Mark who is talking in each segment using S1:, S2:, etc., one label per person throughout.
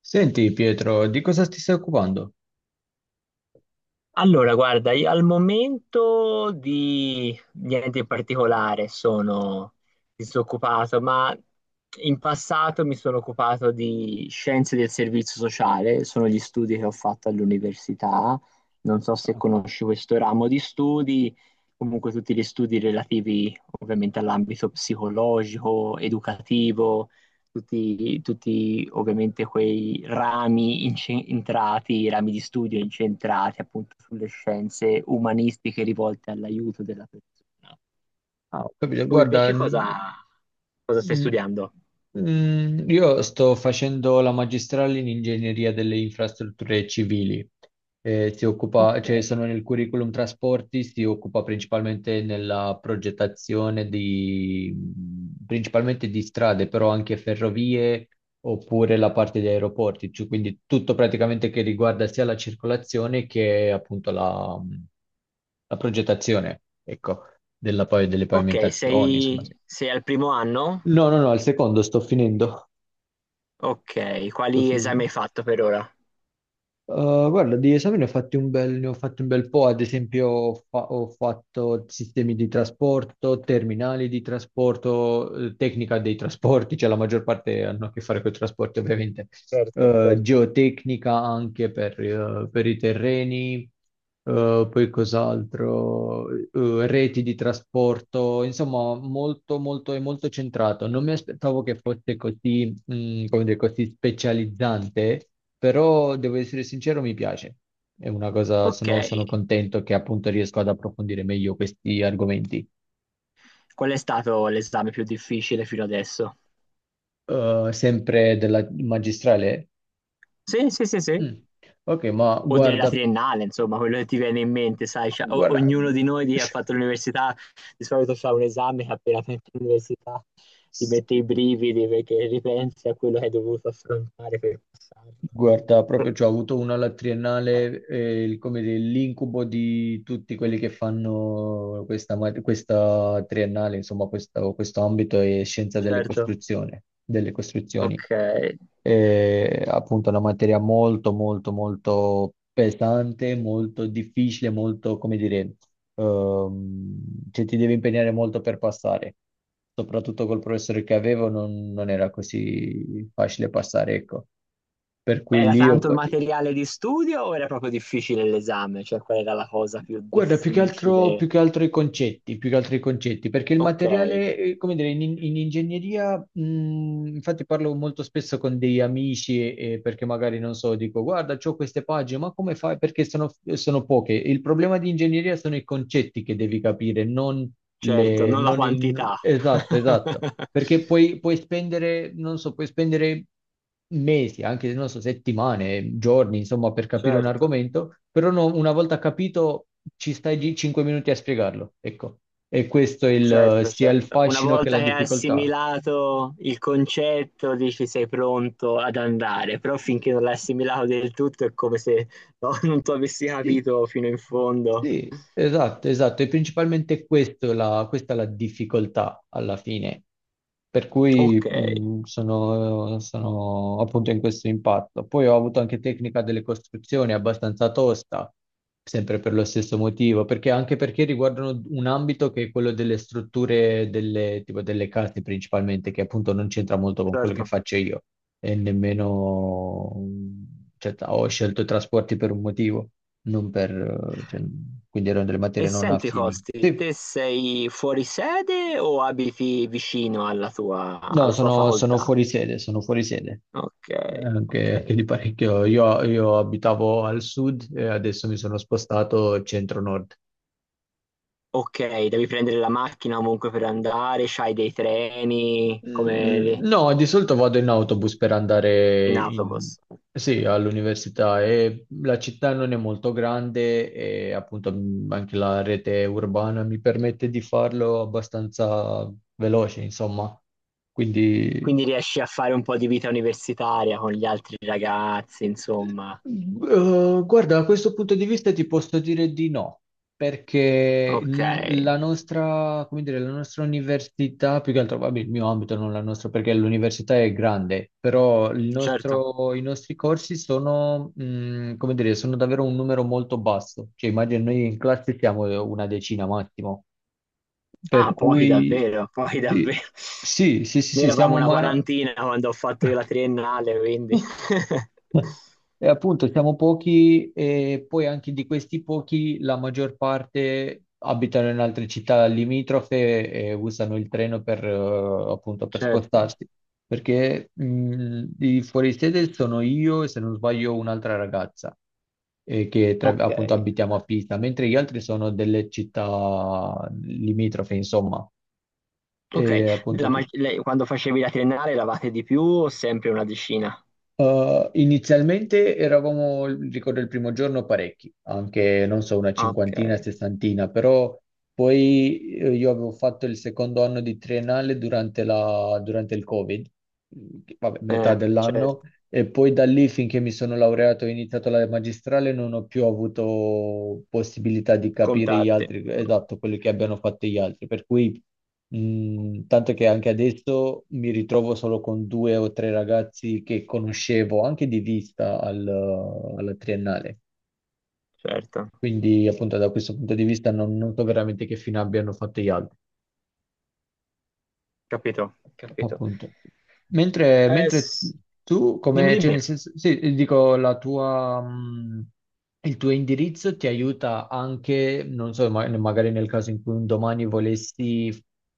S1: Senti Pietro, di cosa ti stai occupando?
S2: Allora, guarda, io al momento di niente in particolare sono disoccupato, ma in passato mi sono occupato di scienze del servizio sociale, sono gli studi che ho fatto all'università, non so se conosci questo ramo di studi, comunque tutti gli studi relativi ovviamente all'ambito psicologico, educativo, tutti ovviamente quei rami di studio incentrati appunto sulle scienze umanistiche rivolte all'aiuto della persona.
S1: Ah, ho capito.
S2: Tu
S1: Guarda,
S2: invece cosa, cosa stai
S1: Mm,
S2: studiando?
S1: io sto facendo la magistrale in ingegneria delle infrastrutture civili. Si occupa,
S2: Ok,
S1: cioè sono nel curriculum trasporti, si occupa principalmente nella progettazione di, principalmente di strade, però anche ferrovie oppure la parte di aeroporti, cioè, quindi tutto praticamente che riguarda sia la circolazione che appunto la, la progettazione, ecco, della, poi, delle
S2: ok,
S1: pavimentazioni, insomma.
S2: sei,
S1: Sì.
S2: sei al primo anno?
S1: No, no, no, il secondo sto finendo.
S2: Ok,
S1: Sto
S2: quali esami
S1: finendo.
S2: hai fatto per ora?
S1: Guarda, di esami ne ho fatti un bel po', ad esempio ho fatto sistemi di trasporto, terminali di trasporto, tecnica dei trasporti, cioè la maggior parte hanno a che fare con i trasporti ovviamente.
S2: Certo, certo.
S1: Geotecnica anche per i terreni, poi cos'altro, reti di trasporto, insomma molto è molto centrato. Non mi aspettavo che fosse così come dire, così specializzante, però devo essere sincero, mi piace. È una cosa,
S2: Ok,
S1: sono contento che appunto riesco ad approfondire meglio questi argomenti.
S2: qual è stato l'esame più difficile fino adesso?
S1: Sempre della magistrale?
S2: Sì, sì, sì, sì.
S1: Mm. Ok, ma
S2: O della
S1: guarda,
S2: triennale, insomma, quello che ti viene in mente, sai,
S1: guarda,
S2: ognuno di noi che ha fatto l'università di solito fa un esame che appena finisce l'università ti mette i brividi perché ripensi a quello che hai dovuto affrontare per passarlo, no?
S1: Guarda, proprio cioè, ho avuto una alla triennale, come dire, l'incubo di tutti quelli che fanno questa triennale, insomma, questo ambito è scienza delle
S2: Certo,
S1: costruzioni, delle costruzioni.
S2: ok.
S1: È appunto una materia molto, molto, molto pesante, molto difficile, molto, come dire, ehm, cioè, ti devi impegnare molto per passare. Soprattutto col professore che avevo non era così facile passare, ecco, per
S2: Beh,
S1: cui
S2: era
S1: lì ho
S2: tanto il
S1: patito.
S2: materiale di studio o era proprio difficile l'esame? Cioè, qual era la cosa più
S1: Guarda, più
S2: difficile?
S1: che altro i concetti, più che altro i concetti, perché il
S2: Ok,
S1: materiale, come dire, in ingegneria, infatti parlo molto spesso con degli amici, perché magari non so, dico, guarda, c'ho queste pagine, ma come fai? Perché sono, sono poche. Il problema di ingegneria sono i concetti che devi capire, non
S2: certo, non la quantità.
S1: esatto, esatto, perché puoi spendere, non so, puoi spendere mesi, anche non so, settimane, giorni, insomma, per capire un
S2: Certo.
S1: argomento, però una volta capito ci stai lì 5 minuti a spiegarlo, ecco. E questo è il,
S2: Certo,
S1: sia il
S2: certo. Una
S1: fascino che
S2: volta
S1: la
S2: che hai
S1: difficoltà.
S2: assimilato il concetto, dici sei pronto ad andare, però finché non l'hai assimilato del tutto è come se no, non tu avessi
S1: Sì.
S2: capito fino in fondo.
S1: Sì, esatto, esatto, e principalmente questa è la difficoltà alla fine, per cui
S2: Ok,
S1: sono, sono appunto in questo impatto. Poi ho avuto anche tecnica delle costruzioni abbastanza tosta, sempre per lo stesso motivo, perché anche perché riguardano un ambito che è quello delle strutture delle, tipo delle case principalmente, che appunto non c'entra molto con quello che
S2: certo.
S1: faccio io, e nemmeno, cioè, ho scelto i trasporti per un motivo non per, cioè, quindi erano delle
S2: E
S1: materie non
S2: senti,
S1: affini.
S2: Costi,
S1: Sì,
S2: te sei fuori sede o abiti vicino alla tua,
S1: no,
S2: alla tua
S1: sono, sono
S2: facoltà?
S1: fuori sede, sono fuori sede.
S2: Ok, ok.
S1: Anche, anche di parecchio. Io abitavo al sud e adesso mi sono spostato centro-nord.
S2: Ok, devi prendere la macchina comunque per andare, c'hai dei treni
S1: Mm,
S2: come
S1: no, di solito vado in autobus per andare
S2: in autobus. Ok.
S1: sì, all'università e la città non è molto grande e appunto mm, anche la rete urbana mi permette di farlo abbastanza veloce, insomma. Quindi
S2: Quindi riesci a fare un po' di vita universitaria con gli altri ragazzi, insomma.
S1: Eh, guarda, da questo punto di vista ti posso dire di no, perché
S2: Ok,
S1: la nostra, come dire, la nostra università, più che altro, vabbè, il mio ambito, non la nostra, perché l'università è grande, però
S2: certo.
S1: i nostri corsi sono, come dire, sono davvero un numero molto basso. Cioè, immagino noi in classe siamo una decina massimo, per
S2: Ah, pochi
S1: cui
S2: davvero, pochi
S1: sì,
S2: davvero.
S1: sì, sì, sì,
S2: Noi
S1: sì,
S2: eravamo
S1: siamo
S2: una
S1: ma...
S2: quarantina quando ho fatto io la triennale, quindi
S1: E appunto siamo pochi e poi anche di questi pochi la maggior parte abitano in altre città limitrofe e usano il treno per, appunto, per
S2: certo.
S1: spostarsi. Perché di fuori sede sono io e se non sbaglio un'altra ragazza
S2: Ok,
S1: appunto abitiamo a Pisa, mentre gli altri sono delle città limitrofe, insomma.
S2: ok.
S1: E appunto
S2: Quando facevi la triennale eravate di più o sempre una decina?
S1: Inizialmente eravamo, ricordo il primo giorno, parecchi, anche non so, una
S2: Ah, ok,
S1: cinquantina, sessantina, però poi io avevo fatto il secondo anno di triennale durante il Covid, mm, vabbè, metà dell'anno,
S2: certo.
S1: e poi da lì finché mi sono laureato e ho iniziato la magistrale non ho più avuto possibilità di capire gli
S2: Contatti,
S1: altri, esatto, quello che abbiano fatto gli altri, per cui mm, tanto che anche adesso mi ritrovo solo con due o tre ragazzi che conoscevo anche di vista alla triennale.
S2: certo.
S1: Quindi, appunto, da questo punto di vista non, non so veramente che fine abbiano fatto gli altri.
S2: Capito, capito.
S1: Appunto.
S2: Eh,
S1: Mentre
S2: s-
S1: tu,
S2: Dimmi,
S1: come, cioè
S2: dimmi.
S1: nel senso, sì, dico, la tua, il tuo indirizzo ti aiuta anche, non so, magari nel caso in cui un domani volessi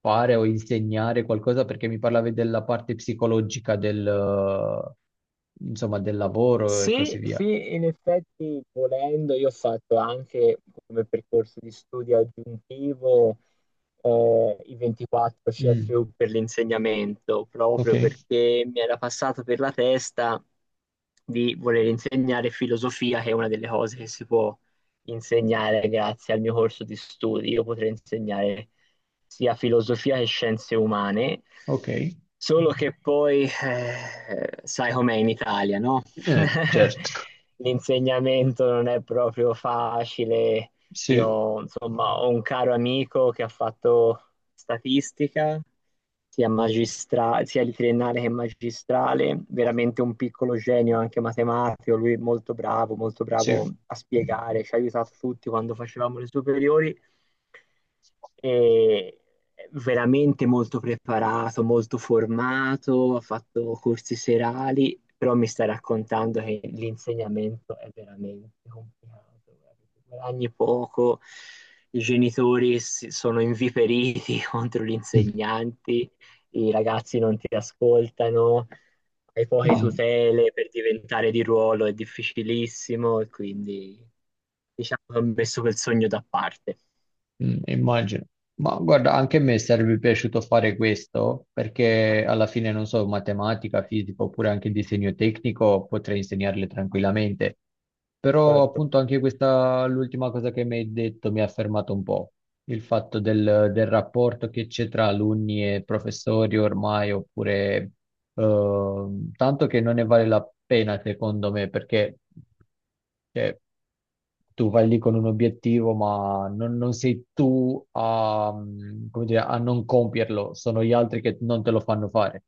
S1: fare o insegnare qualcosa, perché mi parlavi della parte psicologica del, insomma, del lavoro e
S2: Sì,
S1: così via.
S2: sì, in effetti volendo io ho fatto anche come percorso di studio aggiuntivo, i 24
S1: Mm,
S2: CFU per l'insegnamento,
S1: ok,
S2: proprio perché mi era passato per la testa di voler insegnare filosofia, che è una delle cose che si può insegnare grazie al mio corso di studi. Io potrei insegnare sia filosofia che scienze umane,
S1: ok.
S2: solo che poi, sai com'è in Italia, no?
S1: Certo,
S2: L'insegnamento non è proprio facile,
S1: sì,
S2: io, insomma, ho un caro amico che ha fatto statistica, sia magistrale, sia di triennale che magistrale, veramente un piccolo genio anche matematico, lui è molto bravo
S1: sì.
S2: a spiegare, ci ha aiutato tutti quando facevamo le superiori e veramente molto preparato, molto formato, ha fatto corsi serali, però mi stai raccontando che l'insegnamento è veramente complicato, guarda, tu guadagni poco, i genitori sono inviperiti contro gli insegnanti, i ragazzi non ti ascoltano, hai poche
S1: Mm.
S2: tutele per diventare di ruolo, è difficilissimo e quindi diciamo che ho messo quel sogno da parte.
S1: Mm, immagino. Ma guarda, anche a me sarebbe piaciuto fare questo perché alla fine, non so, matematica, fisica oppure anche disegno tecnico potrei insegnarle tranquillamente. Però
S2: Certo.
S1: appunto anche questa, l'ultima cosa che mi hai detto mi ha fermato un po', il fatto del, del rapporto che c'è tra alunni e professori ormai, oppure tanto che non ne vale la pena, secondo me, perché cioè, tu vai lì con un obiettivo, ma non, non sei tu a, mm, come dire, a non compierlo, sono gli altri che non te lo fanno fare.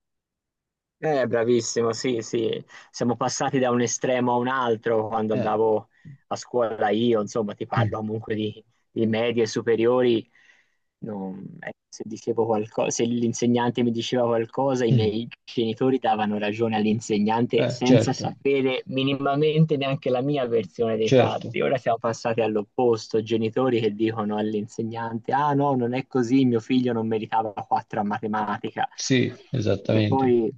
S2: Bravissimo, sì, sì, siamo passati da un estremo a un altro quando
S1: Eh,
S2: andavo a scuola io, insomma, ti parlo
S1: Mm,
S2: comunque di medie superiori, se dicevo qualcosa, se l'insegnante mi diceva qualcosa, i
S1: mm.
S2: miei genitori davano ragione all'insegnante senza
S1: Certo,
S2: sapere minimamente neanche la mia versione dei
S1: certo,
S2: fatti. Ora siamo passati all'opposto, genitori che dicono all'insegnante, ah no, non è così, mio figlio non meritava 4 a matematica.
S1: sì,
S2: Che
S1: esattamente.
S2: poi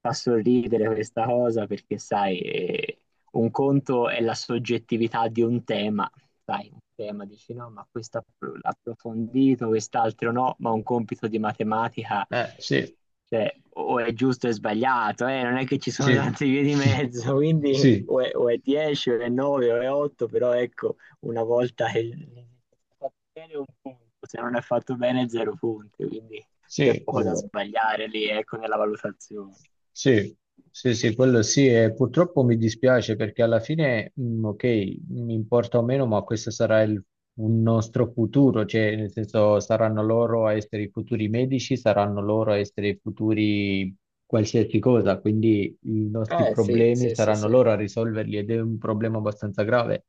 S2: fa sorridere questa cosa perché, sai, un conto è la soggettività di un tema, sai, un tema dici no, ma questo approfondito, quest'altro no, ma un compito di matematica,
S1: Sì,
S2: cioè, o è giusto o è sbagliato, non è che ci sono
S1: sì,
S2: tante vie di mezzo, quindi
S1: sì,
S2: o è 10 o è 9 o è 8, però ecco, una volta che è fatto bene un punto, se non è fatto bene zero punti, quindi c'è
S1: sì,
S2: poco da
S1: quello.
S2: sbagliare lì, ecco, nella valutazione.
S1: Sì, sì, sì, quello sì, e purtroppo mi dispiace perché alla fine, mm, ok, mi importa o meno, ma questo sarà il, un nostro futuro, cioè nel senso saranno loro a essere i futuri medici, saranno loro a essere i futuri qualsiasi cosa, quindi i nostri
S2: Eh sì,
S1: problemi
S2: sì, sì,
S1: saranno
S2: sì.
S1: loro a risolverli ed è un problema abbastanza grave.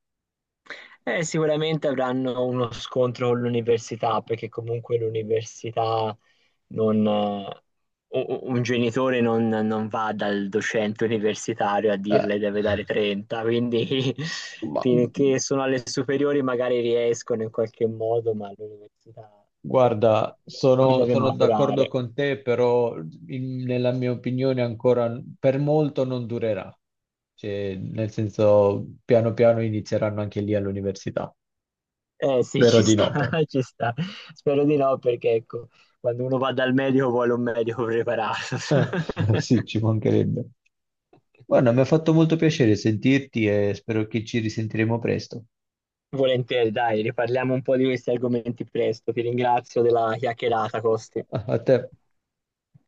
S2: Sicuramente avranno uno scontro con l'università, perché comunque l'università non... un genitore non va dal docente universitario a
S1: Eh,
S2: dirle deve dare 30, quindi
S1: ma
S2: finché sono alle superiori magari riescono in qualche modo, ma all'università, ecco,
S1: guarda,
S2: uno
S1: sono,
S2: deve
S1: sono d'accordo
S2: maturare.
S1: con te, però nella mia opinione ancora per molto non durerà. Cioè, nel senso, piano piano inizieranno anche lì all'università.
S2: Eh sì,
S1: Spero
S2: ci
S1: di
S2: sta,
S1: no, però.
S2: ci sta. Spero di no, perché ecco, quando uno va dal medico vuole un medico preparato.
S1: Sì, ci mancherebbe. Guarda, mi ha fatto molto piacere sentirti e spero che ci risentiremo presto.
S2: Volentieri, dai, riparliamo un po' di questi argomenti presto. Ti ringrazio della chiacchierata, Costi.
S1: A a te.